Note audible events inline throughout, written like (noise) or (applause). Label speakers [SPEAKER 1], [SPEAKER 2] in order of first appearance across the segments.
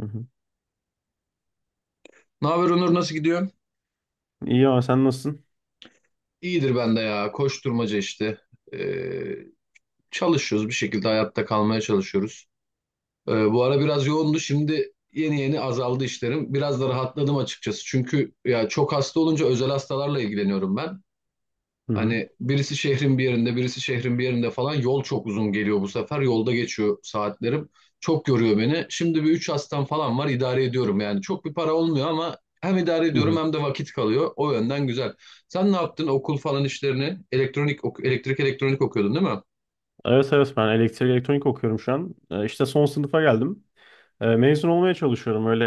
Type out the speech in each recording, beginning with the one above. [SPEAKER 1] Hı hı.
[SPEAKER 2] Ne haber Onur, nasıl gidiyor?
[SPEAKER 1] İyi abi sen nasılsın?
[SPEAKER 2] İyidir ben de ya. Koşturmaca işte. Ee, çalışıyoruz bir şekilde hayatta kalmaya çalışıyoruz. Bu ara biraz yoğundu. Şimdi yeni yeni azaldı işlerim. Biraz da rahatladım açıkçası. Çünkü ya çok hasta olunca özel hastalarla ilgileniyorum ben.
[SPEAKER 1] Hı hı.
[SPEAKER 2] Hani birisi şehrin bir yerinde, birisi şehrin bir yerinde falan yol çok uzun geliyor bu sefer. Yolda geçiyor saatlerim. Çok yoruyor beni. Şimdi bir üç hastam falan var, idare ediyorum yani. Çok bir para olmuyor ama hem idare
[SPEAKER 1] Hı
[SPEAKER 2] ediyorum
[SPEAKER 1] hı.
[SPEAKER 2] hem de vakit kalıyor. O yönden güzel. Sen ne yaptın okul falan işlerini? Elektrik elektronik okuyordun değil mi?
[SPEAKER 1] Evet evet ben elektrik elektronik okuyorum şu an. İşte son sınıfa geldim. Mezun olmaya çalışıyorum. Öyle,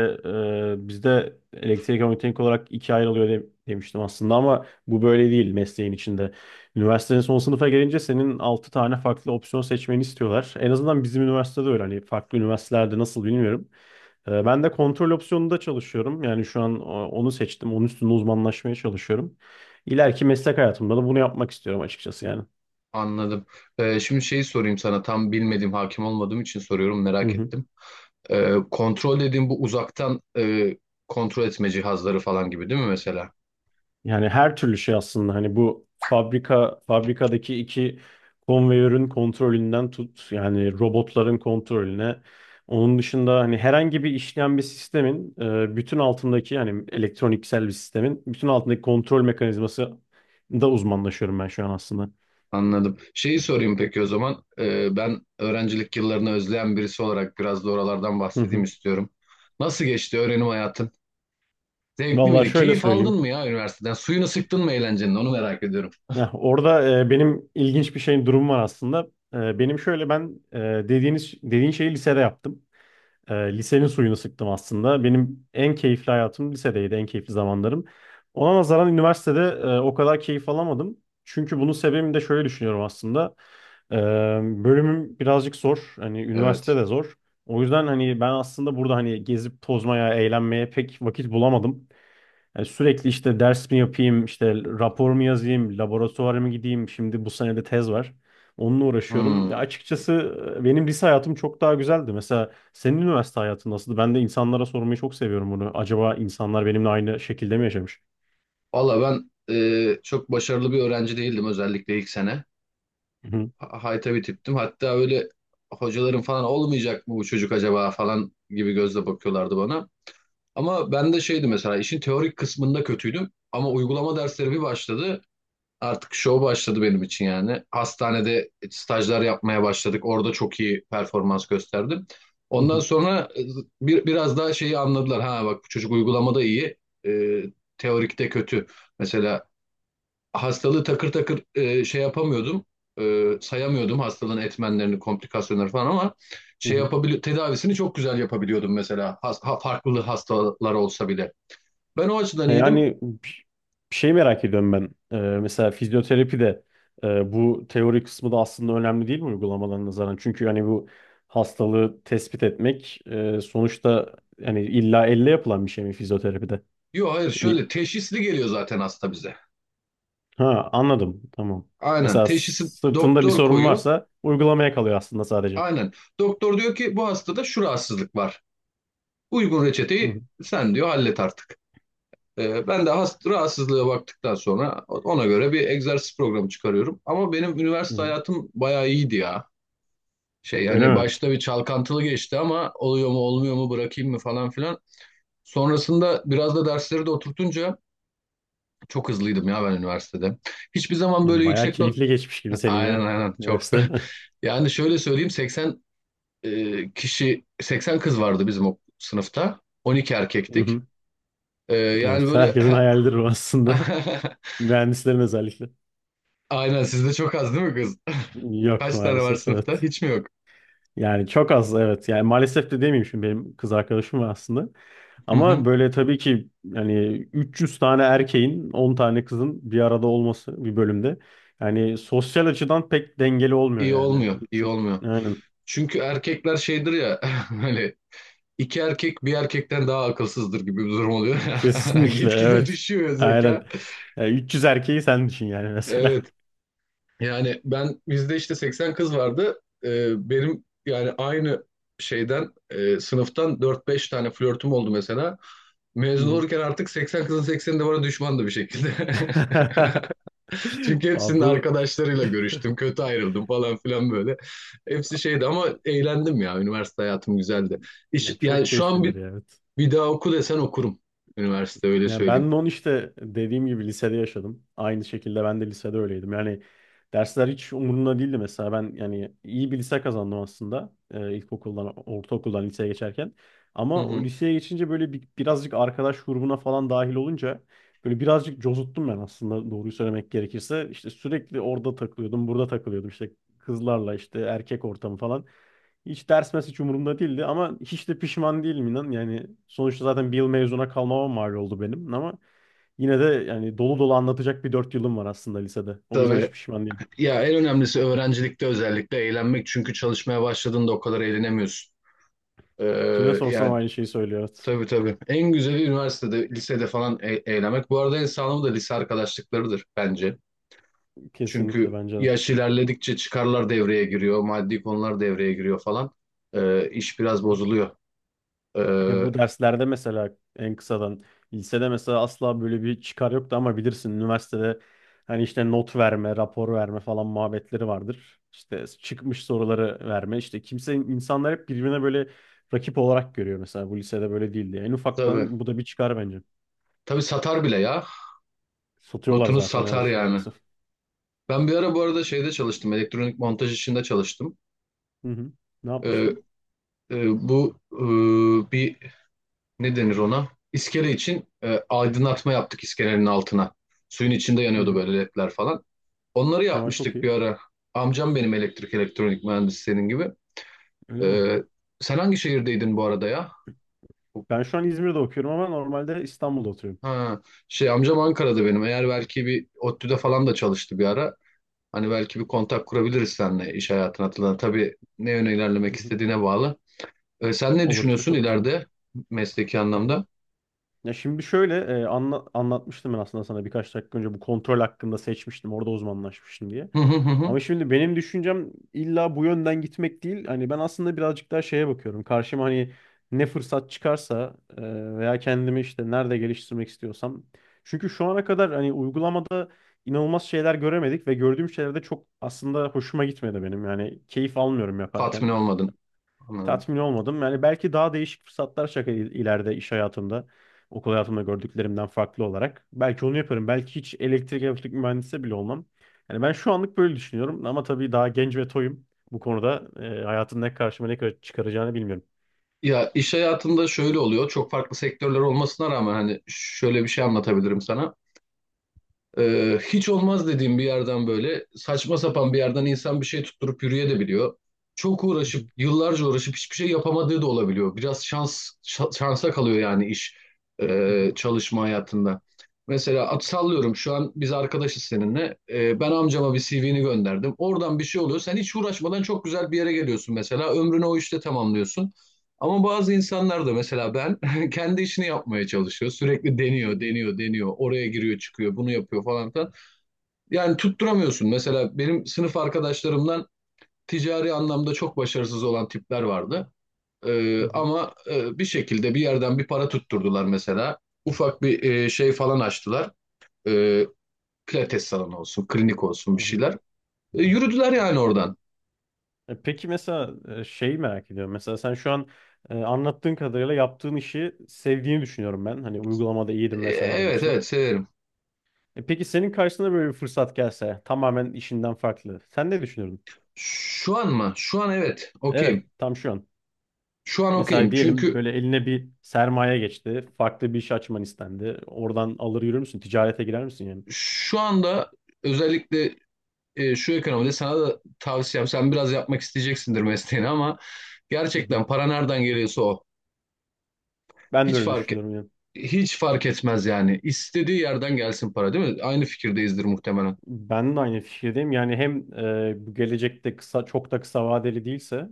[SPEAKER 1] bizde elektrik elektronik olarak ikiye ayrılıyor demiştim aslında ama bu böyle değil mesleğin içinde. Üniversitenin son sınıfa gelince senin 6 tane farklı opsiyon seçmeni istiyorlar. En azından bizim üniversitede öyle. Hani farklı üniversitelerde nasıl bilmiyorum. Ben de kontrol opsiyonunda çalışıyorum. Yani şu an onu seçtim. Onun üstünde uzmanlaşmaya çalışıyorum. İleriki meslek hayatımda da bunu yapmak istiyorum açıkçası yani.
[SPEAKER 2] Anladım. Şimdi şeyi sorayım sana, tam bilmediğim, hakim olmadığım için soruyorum,
[SPEAKER 1] Hı
[SPEAKER 2] merak
[SPEAKER 1] hı.
[SPEAKER 2] ettim. Kontrol dediğim bu uzaktan kontrol etme cihazları falan gibi değil mi mesela?
[SPEAKER 1] Yani her türlü şey aslında hani bu fabrikadaki iki konveyörün kontrolünden tut, yani robotların kontrolüne, onun dışında hani herhangi bir işleyen bir sistemin, bütün altındaki, yani elektroniksel bir sistemin bütün altındaki kontrol mekanizması da uzmanlaşıyorum ben şu an aslında.
[SPEAKER 2] Anladım. Şeyi sorayım peki o zaman. Ben öğrencilik yıllarını özleyen birisi olarak biraz da oralardan
[SPEAKER 1] Hı
[SPEAKER 2] bahsedeyim
[SPEAKER 1] hı.
[SPEAKER 2] istiyorum. Nasıl geçti öğrenim hayatın? Zevkli
[SPEAKER 1] Vallahi
[SPEAKER 2] miydi?
[SPEAKER 1] şöyle
[SPEAKER 2] Keyif aldın
[SPEAKER 1] söyleyeyim.
[SPEAKER 2] mı ya üniversiteden? Suyunu sıktın mı eğlencenin? Onu merak ediyorum.
[SPEAKER 1] Heh, orada benim ilginç bir şeyin durum var aslında. Benim şöyle ben dediğin şeyi lisede yaptım. Lisenin suyunu sıktım aslında. Benim en keyifli hayatım lisedeydi, en keyifli zamanlarım. Ona nazaran üniversitede o kadar keyif alamadım. Çünkü bunun sebebini de şöyle düşünüyorum aslında. E, bölümüm birazcık zor. Hani üniversite
[SPEAKER 2] Evet.
[SPEAKER 1] de zor. O yüzden hani ben aslında burada hani gezip tozmaya, eğlenmeye pek vakit bulamadım. Yani sürekli işte ders mi yapayım, işte rapor mu yazayım, laboratuvara mı gideyim, şimdi bu sene de tez var. Onunla uğraşıyorum. Ya
[SPEAKER 2] Hmm.
[SPEAKER 1] açıkçası benim lise hayatım çok daha güzeldi. Mesela senin üniversite hayatın nasıldı? Ben de insanlara sormayı çok seviyorum bunu. Acaba insanlar benimle aynı şekilde mi yaşamış?
[SPEAKER 2] Valla ben çok başarılı bir öğrenci değildim, özellikle ilk sene.
[SPEAKER 1] Hı hı,
[SPEAKER 2] Hayta bir tiptim. Hatta öyle hocaların falan olmayacak mı bu çocuk acaba falan gibi gözle bakıyorlardı bana. Ama ben de şeydi mesela, işin teorik kısmında kötüydüm. Ama uygulama dersleri bir başladı. Artık show başladı benim için yani. Hastanede stajlar yapmaya başladık. Orada çok iyi performans gösterdim.
[SPEAKER 1] hı
[SPEAKER 2] Ondan
[SPEAKER 1] hı,
[SPEAKER 2] sonra biraz daha şeyi anladılar. Ha bak, bu çocuk uygulamada iyi, e, teorikte kötü. Mesela hastalığı takır takır şey yapamıyordum. Sayamıyordum hastalığın etmenlerini, komplikasyonları falan ama
[SPEAKER 1] hı
[SPEAKER 2] şey
[SPEAKER 1] hı.
[SPEAKER 2] yapabili tedavisini çok güzel yapabiliyordum mesela. Farklı hastalar olsa bile. Ben o açıdan
[SPEAKER 1] He,
[SPEAKER 2] iyiydim.
[SPEAKER 1] yani bir şey merak ediyorum ben. Mesela fizyoterapi de bu teori kısmı da aslında önemli değil mi uygulamalarına nazaran? Çünkü hani bu hastalığı tespit etmek, sonuçta yani illa elle yapılan bir şey mi fizyoterapide?
[SPEAKER 2] Yok hayır,
[SPEAKER 1] Yani-
[SPEAKER 2] şöyle teşhisli geliyor zaten hasta bize.
[SPEAKER 1] ha, anladım. Tamam.
[SPEAKER 2] Aynen.
[SPEAKER 1] Mesela
[SPEAKER 2] Teşhisi
[SPEAKER 1] sırtında bir
[SPEAKER 2] doktor
[SPEAKER 1] sorun
[SPEAKER 2] koyuyor.
[SPEAKER 1] varsa uygulamaya kalıyor aslında sadece.
[SPEAKER 2] Aynen. Doktor diyor ki bu hastada şu rahatsızlık var. Uygun
[SPEAKER 1] Hı
[SPEAKER 2] reçeteyi
[SPEAKER 1] hı.
[SPEAKER 2] sen diyor, hallet artık. Ben de rahatsızlığa baktıktan sonra ona göre bir egzersiz programı çıkarıyorum. Ama benim
[SPEAKER 1] Hı
[SPEAKER 2] üniversite
[SPEAKER 1] hı.
[SPEAKER 2] hayatım bayağı iyiydi ya. Şey
[SPEAKER 1] Öyle
[SPEAKER 2] yani
[SPEAKER 1] mi?
[SPEAKER 2] başta bir çalkantılı geçti, ama oluyor mu olmuyor mu, bırakayım mı falan filan. Sonrasında biraz da dersleri de oturtunca çok hızlıydım ya ben üniversitede. Hiçbir zaman
[SPEAKER 1] Ya
[SPEAKER 2] böyle
[SPEAKER 1] bayağı
[SPEAKER 2] yüksek not.
[SPEAKER 1] keyifli geçmiş gibi
[SPEAKER 2] (laughs)
[SPEAKER 1] senin
[SPEAKER 2] Aynen
[SPEAKER 1] ya
[SPEAKER 2] aynen, çok.
[SPEAKER 1] üniversite. (laughs)
[SPEAKER 2] (laughs) Yani şöyle söyleyeyim, 80 kişi, 80 kız vardı bizim o sınıfta. 12
[SPEAKER 1] Hı
[SPEAKER 2] erkektik.
[SPEAKER 1] hı.
[SPEAKER 2] Yani
[SPEAKER 1] Evet,
[SPEAKER 2] böyle.
[SPEAKER 1] herkesin hayalidir bu aslında.
[SPEAKER 2] (laughs)
[SPEAKER 1] (laughs) Mühendislerin özellikle.
[SPEAKER 2] Aynen, sizde çok az değil mi kız? (laughs)
[SPEAKER 1] Yok
[SPEAKER 2] Kaç tane var
[SPEAKER 1] maalesef,
[SPEAKER 2] sınıfta?
[SPEAKER 1] evet.
[SPEAKER 2] Hiç mi yok?
[SPEAKER 1] Yani çok az, evet. Yani maalesef de demeyeyim, şimdi benim kız arkadaşım var aslında.
[SPEAKER 2] Hı
[SPEAKER 1] Ama
[SPEAKER 2] hı.
[SPEAKER 1] böyle tabii ki yani 300 tane erkeğin 10 tane kızın bir arada olması bir bölümde. Yani sosyal açıdan pek dengeli olmuyor
[SPEAKER 2] İyi
[SPEAKER 1] yani.
[SPEAKER 2] olmuyor, iyi
[SPEAKER 1] Şu,
[SPEAKER 2] olmuyor.
[SPEAKER 1] aynen.
[SPEAKER 2] Çünkü erkekler şeydir ya (laughs) hani iki erkek bir erkekten daha akılsızdır gibi bir durum oluyor. (laughs)
[SPEAKER 1] Kesinlikle,
[SPEAKER 2] Gitgide
[SPEAKER 1] evet.
[SPEAKER 2] düşüyor
[SPEAKER 1] Aynen.
[SPEAKER 2] zeka.
[SPEAKER 1] Yani 300 erkeği sen düşün yani mesela.
[SPEAKER 2] Evet. Yani ben, bizde işte 80 kız vardı. Benim yani aynı sınıftan dört beş tane flörtüm oldu mesela.
[SPEAKER 1] (laughs)
[SPEAKER 2] Mezun
[SPEAKER 1] Hı.
[SPEAKER 2] olurken artık 80 kızın 80'i de bana düşmandı bir şekilde. (laughs)
[SPEAKER 1] (laughs)
[SPEAKER 2] Çünkü
[SPEAKER 1] Aa,
[SPEAKER 2] hepsinin
[SPEAKER 1] bu
[SPEAKER 2] arkadaşlarıyla görüştüm. Kötü ayrıldım falan filan böyle. Hepsi şeydi ama eğlendim ya. Üniversite hayatım güzeldi.
[SPEAKER 1] (laughs)
[SPEAKER 2] İş,
[SPEAKER 1] ya
[SPEAKER 2] yani
[SPEAKER 1] çok
[SPEAKER 2] şu an
[SPEAKER 1] keyiflidir
[SPEAKER 2] bir,
[SPEAKER 1] ya. Evet.
[SPEAKER 2] bir daha oku desen okurum. Üniversite, öyle
[SPEAKER 1] Ya
[SPEAKER 2] söyleyeyim.
[SPEAKER 1] ben de onu işte dediğim gibi lisede yaşadım. Aynı şekilde ben de lisede öyleydim. Yani dersler hiç umurumda değildi mesela. Ben yani iyi bir lise kazandım aslında. İlkokuldan, ortaokuldan liseye geçerken.
[SPEAKER 2] Hı
[SPEAKER 1] Ama o
[SPEAKER 2] hı.
[SPEAKER 1] liseye geçince böyle birazcık arkadaş grubuna falan dahil olunca böyle birazcık cozuttum ben aslında, doğruyu söylemek gerekirse. İşte sürekli orada takılıyordum, burada takılıyordum. İşte kızlarla işte erkek ortamı falan. Hiç ders hiç umurumda değildi ama hiç de pişman değilim, inan. Yani sonuçta zaten bir yıl mezuna kalmama mal oldu benim ama yine de yani dolu dolu anlatacak bir 4 yılım var aslında lisede. O yüzden hiç
[SPEAKER 2] Tabii.
[SPEAKER 1] pişman değilim.
[SPEAKER 2] Ya en önemlisi öğrencilikte özellikle eğlenmek. Çünkü çalışmaya başladığında o kadar eğlenemiyorsun. Ee,
[SPEAKER 1] Kime sorsam
[SPEAKER 2] yani
[SPEAKER 1] aynı şeyi söylüyor. Evet.
[SPEAKER 2] tabii tabii. En güzeli üniversitede, lisede falan eğlenmek. Bu arada en sağlamı da lise arkadaşlıklarıdır bence.
[SPEAKER 1] Kesinlikle,
[SPEAKER 2] Çünkü
[SPEAKER 1] bence de.
[SPEAKER 2] yaş ilerledikçe çıkarlar devreye giriyor, maddi konular devreye giriyor falan. İş biraz bozuluyor.
[SPEAKER 1] Ya
[SPEAKER 2] Ee,
[SPEAKER 1] bu derslerde mesela, en kısadan, lisede mesela asla böyle bir çıkar yoktu ama bilirsin üniversitede hani işte not verme, rapor verme falan muhabbetleri vardır. İşte çıkmış soruları verme. İşte insanlar hep birbirine böyle rakip olarak görüyor mesela, bu lisede böyle değildi. En
[SPEAKER 2] tabii.
[SPEAKER 1] ufaktan bu da bir çıkar bence.
[SPEAKER 2] Tabii satar bile ya.
[SPEAKER 1] Satıyorlar
[SPEAKER 2] Notunuz
[SPEAKER 1] zaten,
[SPEAKER 2] satar
[SPEAKER 1] evet,
[SPEAKER 2] yani.
[SPEAKER 1] maalesef.
[SPEAKER 2] Ben bir ara bu arada şeyde çalıştım. Elektronik montaj işinde çalıştım.
[SPEAKER 1] Hı hı. Ne
[SPEAKER 2] Ee,
[SPEAKER 1] yapmıştın?
[SPEAKER 2] e, bu e, bir, ne denir ona? İskele için aydınlatma yaptık, iskelenin altına. Suyun içinde
[SPEAKER 1] Hı
[SPEAKER 2] yanıyordu
[SPEAKER 1] hı.
[SPEAKER 2] böyle, ledler falan. Onları
[SPEAKER 1] Aa, çok
[SPEAKER 2] yapmıştık
[SPEAKER 1] iyi.
[SPEAKER 2] bir ara. Amcam benim elektrik elektronik mühendisi, senin gibi.
[SPEAKER 1] Öyle mi?
[SPEAKER 2] Ee, sen hangi şehirdeydin bu arada ya?
[SPEAKER 1] Ben şu an İzmir'de okuyorum ama normalde İstanbul'da oturuyorum.
[SPEAKER 2] Ha, şey, amcam Ankara'da benim. Eğer belki bir ODTÜ'de falan da çalıştı bir ara. Hani belki bir kontak kurabiliriz seninle, iş hayatına atılan. Tabii ne yöne
[SPEAKER 1] Hı
[SPEAKER 2] ilerlemek
[SPEAKER 1] hı.
[SPEAKER 2] istediğine bağlı. Sen ne
[SPEAKER 1] Olur, çok
[SPEAKER 2] düşünüyorsun
[SPEAKER 1] çok güzel. Olur.
[SPEAKER 2] ileride mesleki anlamda?
[SPEAKER 1] Ya şimdi şöyle anlatmıştım ben aslında sana birkaç dakika önce bu kontrol hakkında seçmiştim. Orada uzmanlaşmıştım diye.
[SPEAKER 2] Hı hı hı. Hı.
[SPEAKER 1] Ama şimdi benim düşüncem illa bu yönden gitmek değil. Hani ben aslında birazcık daha şeye bakıyorum. Karşıma hani ne fırsat çıkarsa, veya kendimi işte nerede geliştirmek istiyorsam. Çünkü şu ana kadar hani uygulamada inanılmaz şeyler göremedik ve gördüğüm şeyler de çok aslında hoşuma gitmedi benim. Yani keyif almıyorum
[SPEAKER 2] Tatmin
[SPEAKER 1] yaparken,
[SPEAKER 2] olmadın. Anladım.
[SPEAKER 1] tatmin olmadım. Yani belki daha değişik fırsatlar şaka ileride iş hayatımda, okul hayatımda gördüklerimden farklı olarak. Belki onu yaparım. Belki hiç elektrik mühendisi bile olmam. Yani ben şu anlık böyle düşünüyorum ama tabii daha genç ve toyum. Bu konuda hayatın ne karşıma ne kadar çıkaracağını bilmiyorum.
[SPEAKER 2] Ya iş hayatında şöyle oluyor. Çok farklı sektörler olmasına rağmen hani şöyle bir şey anlatabilirim sana. Hiç olmaz dediğim bir yerden, böyle saçma sapan bir yerden, insan bir şey tutturup yürüyebiliyor. Çok
[SPEAKER 1] Hı
[SPEAKER 2] uğraşıp,
[SPEAKER 1] hı,
[SPEAKER 2] yıllarca uğraşıp hiçbir şey yapamadığı da olabiliyor. Biraz şansa kalıyor yani
[SPEAKER 1] hı hı,
[SPEAKER 2] çalışma hayatında. Mesela at sallıyorum, şu an biz arkadaşız seninle. Ben amcama bir CV'ni gönderdim. Oradan bir şey oluyor. Sen hiç uğraşmadan çok güzel bir yere geliyorsun mesela. Ömrünü o işte tamamlıyorsun. Ama bazı insanlar da mesela, ben kendi işini yapmaya çalışıyor. Sürekli
[SPEAKER 1] hı
[SPEAKER 2] deniyor,
[SPEAKER 1] hı,
[SPEAKER 2] deniyor, deniyor. Oraya giriyor, çıkıyor, bunu yapıyor falan filan. Yani tutturamıyorsun. Mesela benim sınıf arkadaşlarımdan ticari anlamda çok başarısız olan tipler vardı.
[SPEAKER 1] hı
[SPEAKER 2] Ee,
[SPEAKER 1] hı,
[SPEAKER 2] ama bir şekilde bir yerden bir para tutturdular mesela. Ufak bir şey falan açtılar. Ee, pilates salonu olsun, klinik olsun,
[SPEAKER 1] hı
[SPEAKER 2] bir
[SPEAKER 1] hı.
[SPEAKER 2] şeyler. Yürüdüler yani oradan.
[SPEAKER 1] Peki, mesela şey merak ediyorum. Mesela sen şu an anlattığın kadarıyla yaptığın işi sevdiğini düşünüyorum ben. Hani uygulamada iyiydim vesaire
[SPEAKER 2] Evet
[SPEAKER 1] demiştin.
[SPEAKER 2] evet severim.
[SPEAKER 1] Peki senin karşına böyle bir fırsat gelse tamamen işinden farklı. Sen ne düşünürdün?
[SPEAKER 2] Şu an mı? Şu an evet,
[SPEAKER 1] Evet,
[SPEAKER 2] okeyim.
[SPEAKER 1] tam şu an.
[SPEAKER 2] Şu an
[SPEAKER 1] Mesela
[SPEAKER 2] okeyim.
[SPEAKER 1] diyelim
[SPEAKER 2] Çünkü
[SPEAKER 1] böyle eline bir sermaye geçti. Farklı bir iş açman istendi. Oradan alır yürür müsün? Ticarete girer misin yani?
[SPEAKER 2] şu anda özellikle şu ekonomide, sana da tavsiyem, sen biraz yapmak isteyeceksindir mesleğini ama
[SPEAKER 1] Hı hı.
[SPEAKER 2] gerçekten para nereden geliyorsa o.
[SPEAKER 1] Ben de
[SPEAKER 2] Hiç
[SPEAKER 1] öyle
[SPEAKER 2] fark et-
[SPEAKER 1] düşünüyorum yani.
[SPEAKER 2] hiç fark etmez yani. İstediği yerden gelsin para, değil mi? Aynı fikirdeyizdir muhtemelen.
[SPEAKER 1] Ben de aynı fikirdeyim. Yani hem bu gelecekte çok da kısa vadeli değilse,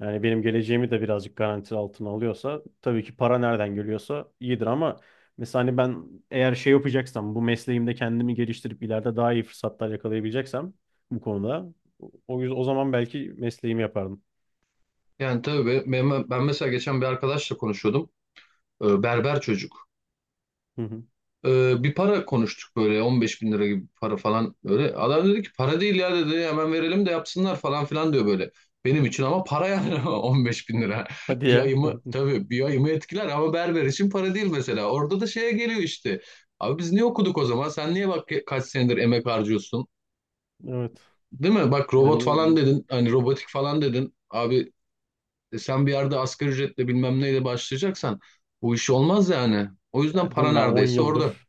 [SPEAKER 1] yani benim geleceğimi de birazcık garanti altına alıyorsa, tabii ki para nereden geliyorsa iyidir ama mesela hani ben eğer şey yapacaksam, bu mesleğimde kendimi geliştirip ileride daha iyi fırsatlar yakalayabileceksem bu konuda, o yüzden o zaman belki mesleğimi yapardım.
[SPEAKER 2] Yani tabii ben mesela geçen bir arkadaşla konuşuyordum. Berber çocuk.
[SPEAKER 1] Hı hı.
[SPEAKER 2] Bir para konuştuk, böyle 15 bin lira gibi bir para falan böyle. Adam dedi ki para değil ya dedi, hemen verelim de yapsınlar falan filan diyor böyle. Benim için ama para yani, (laughs) 15 bin lira.
[SPEAKER 1] Hadi
[SPEAKER 2] (laughs) Bir
[SPEAKER 1] ya.
[SPEAKER 2] ayımı, tabii, bir ayımı etkiler ama berber için para değil mesela. Orada da şeye geliyor işte. Abi biz niye okuduk o zaman? Sen niye, bak, kaç senedir emek harcıyorsun?
[SPEAKER 1] (laughs) Evet.
[SPEAKER 2] Değil mi? Bak, robot
[SPEAKER 1] Yani,
[SPEAKER 2] falan dedin. Hani robotik falan dedin. Abi sen bir yerde asgari ücretle bilmem neyle başlayacaksan, bu iş olmaz yani. O yüzden
[SPEAKER 1] ya değil
[SPEAKER 2] para
[SPEAKER 1] mi, ben on
[SPEAKER 2] neredeyse orada.
[SPEAKER 1] yıldır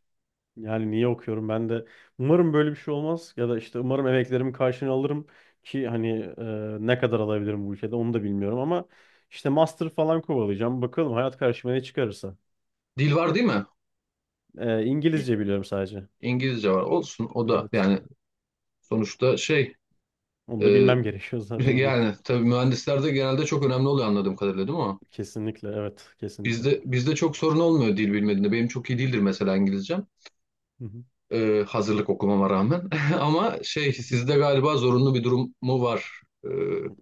[SPEAKER 1] Yani niye okuyorum ben de, umarım böyle bir şey olmaz ya da işte umarım emeklerimin karşılığını alırım, ki hani ne kadar alabilirim bu ülkede onu da bilmiyorum ama işte master falan kovalayacağım, bakalım hayat karşıma ne çıkarırsa.
[SPEAKER 2] Dil var değil mi?
[SPEAKER 1] İngilizce biliyorum sadece.
[SPEAKER 2] İngilizce var. Olsun o da
[SPEAKER 1] Evet.
[SPEAKER 2] yani, sonuçta şey,
[SPEAKER 1] Onu da
[SPEAKER 2] e,
[SPEAKER 1] bilmem (laughs) gerekiyor
[SPEAKER 2] (laughs)
[SPEAKER 1] zaten ama,
[SPEAKER 2] yani tabii mühendislerde genelde çok önemli oluyor anladığım kadarıyla, değil mi o?
[SPEAKER 1] kesinlikle evet, kesinlikle.
[SPEAKER 2] Bizde çok sorun olmuyor dil bilmediğinde. Benim çok iyi değildir mesela İngilizcem,
[SPEAKER 1] Hı hı.
[SPEAKER 2] hazırlık okumama rağmen. (laughs) Ama şey, sizde
[SPEAKER 1] (laughs)
[SPEAKER 2] galiba zorunlu bir durum mu var? E,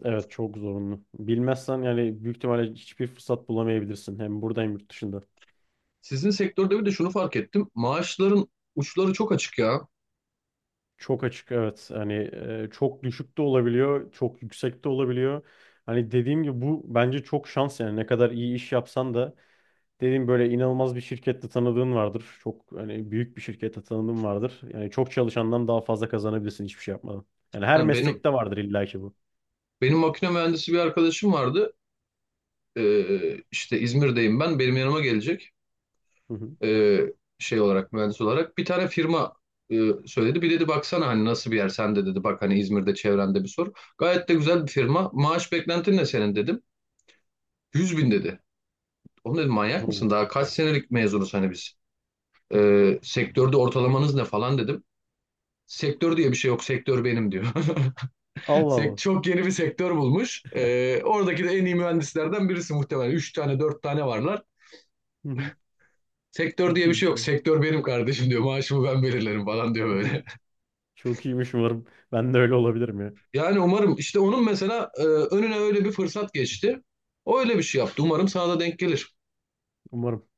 [SPEAKER 1] Evet, çok zorunlu. Bilmezsen yani büyük ihtimalle hiçbir fırsat bulamayabilirsin, hem burada hem yurt dışında.
[SPEAKER 2] sizin sektörde bir de şunu fark ettim. Maaşların uçları çok açık ya.
[SPEAKER 1] Çok açık, evet. Hani çok düşük de olabiliyor, çok yüksek de olabiliyor. Hani dediğim gibi bu bence çok şans, yani ne kadar iyi iş yapsan da, dediğim böyle inanılmaz bir şirkette tanıdığın vardır. Çok hani büyük bir şirkette tanıdığın vardır. Yani çok çalışandan daha fazla kazanabilirsin hiçbir şey yapmadan. Yani her
[SPEAKER 2] Ha, benim
[SPEAKER 1] meslekte vardır illa ki bu.
[SPEAKER 2] benim makine mühendisi bir arkadaşım vardı. E, işte İzmir'deyim ben. Benim yanıma gelecek.
[SPEAKER 1] Hı hı.
[SPEAKER 2] e, Şey olarak, mühendis olarak bir tane firma e, söyledi. Bir dedi baksana hani nasıl bir yer, sen de dedi bak, hani İzmir'de çevrende bir sor. Gayet de güzel bir firma. Maaş beklentin ne senin dedim. 100 bin dedi. Oğlum dedim, manyak
[SPEAKER 1] Oo.
[SPEAKER 2] mısın? Daha kaç senelik mezunuz hani biz.
[SPEAKER 1] (laughs)
[SPEAKER 2] Sektörde ortalamanız ne falan dedim. Sektör diye bir şey yok. Sektör benim diyor. (laughs)
[SPEAKER 1] Allah Allah.
[SPEAKER 2] Çok yeni bir sektör bulmuş. Oradaki de en iyi mühendislerden birisi muhtemelen. Üç tane, dört tane varlar.
[SPEAKER 1] Hı hı.
[SPEAKER 2] Sektör
[SPEAKER 1] Çok
[SPEAKER 2] diye bir
[SPEAKER 1] iyi bir
[SPEAKER 2] şey yok.
[SPEAKER 1] şey.
[SPEAKER 2] Sektör benim kardeşim diyor. Maaşımı ben belirlerim falan diyor
[SPEAKER 1] (laughs)
[SPEAKER 2] böyle.
[SPEAKER 1] Çok iyiymiş umarım. Ben de öyle olabilirim ya.
[SPEAKER 2] Yani umarım işte onun mesela önüne öyle bir fırsat geçti. O öyle bir şey yaptı. Umarım sana da denk gelir.
[SPEAKER 1] Umarım.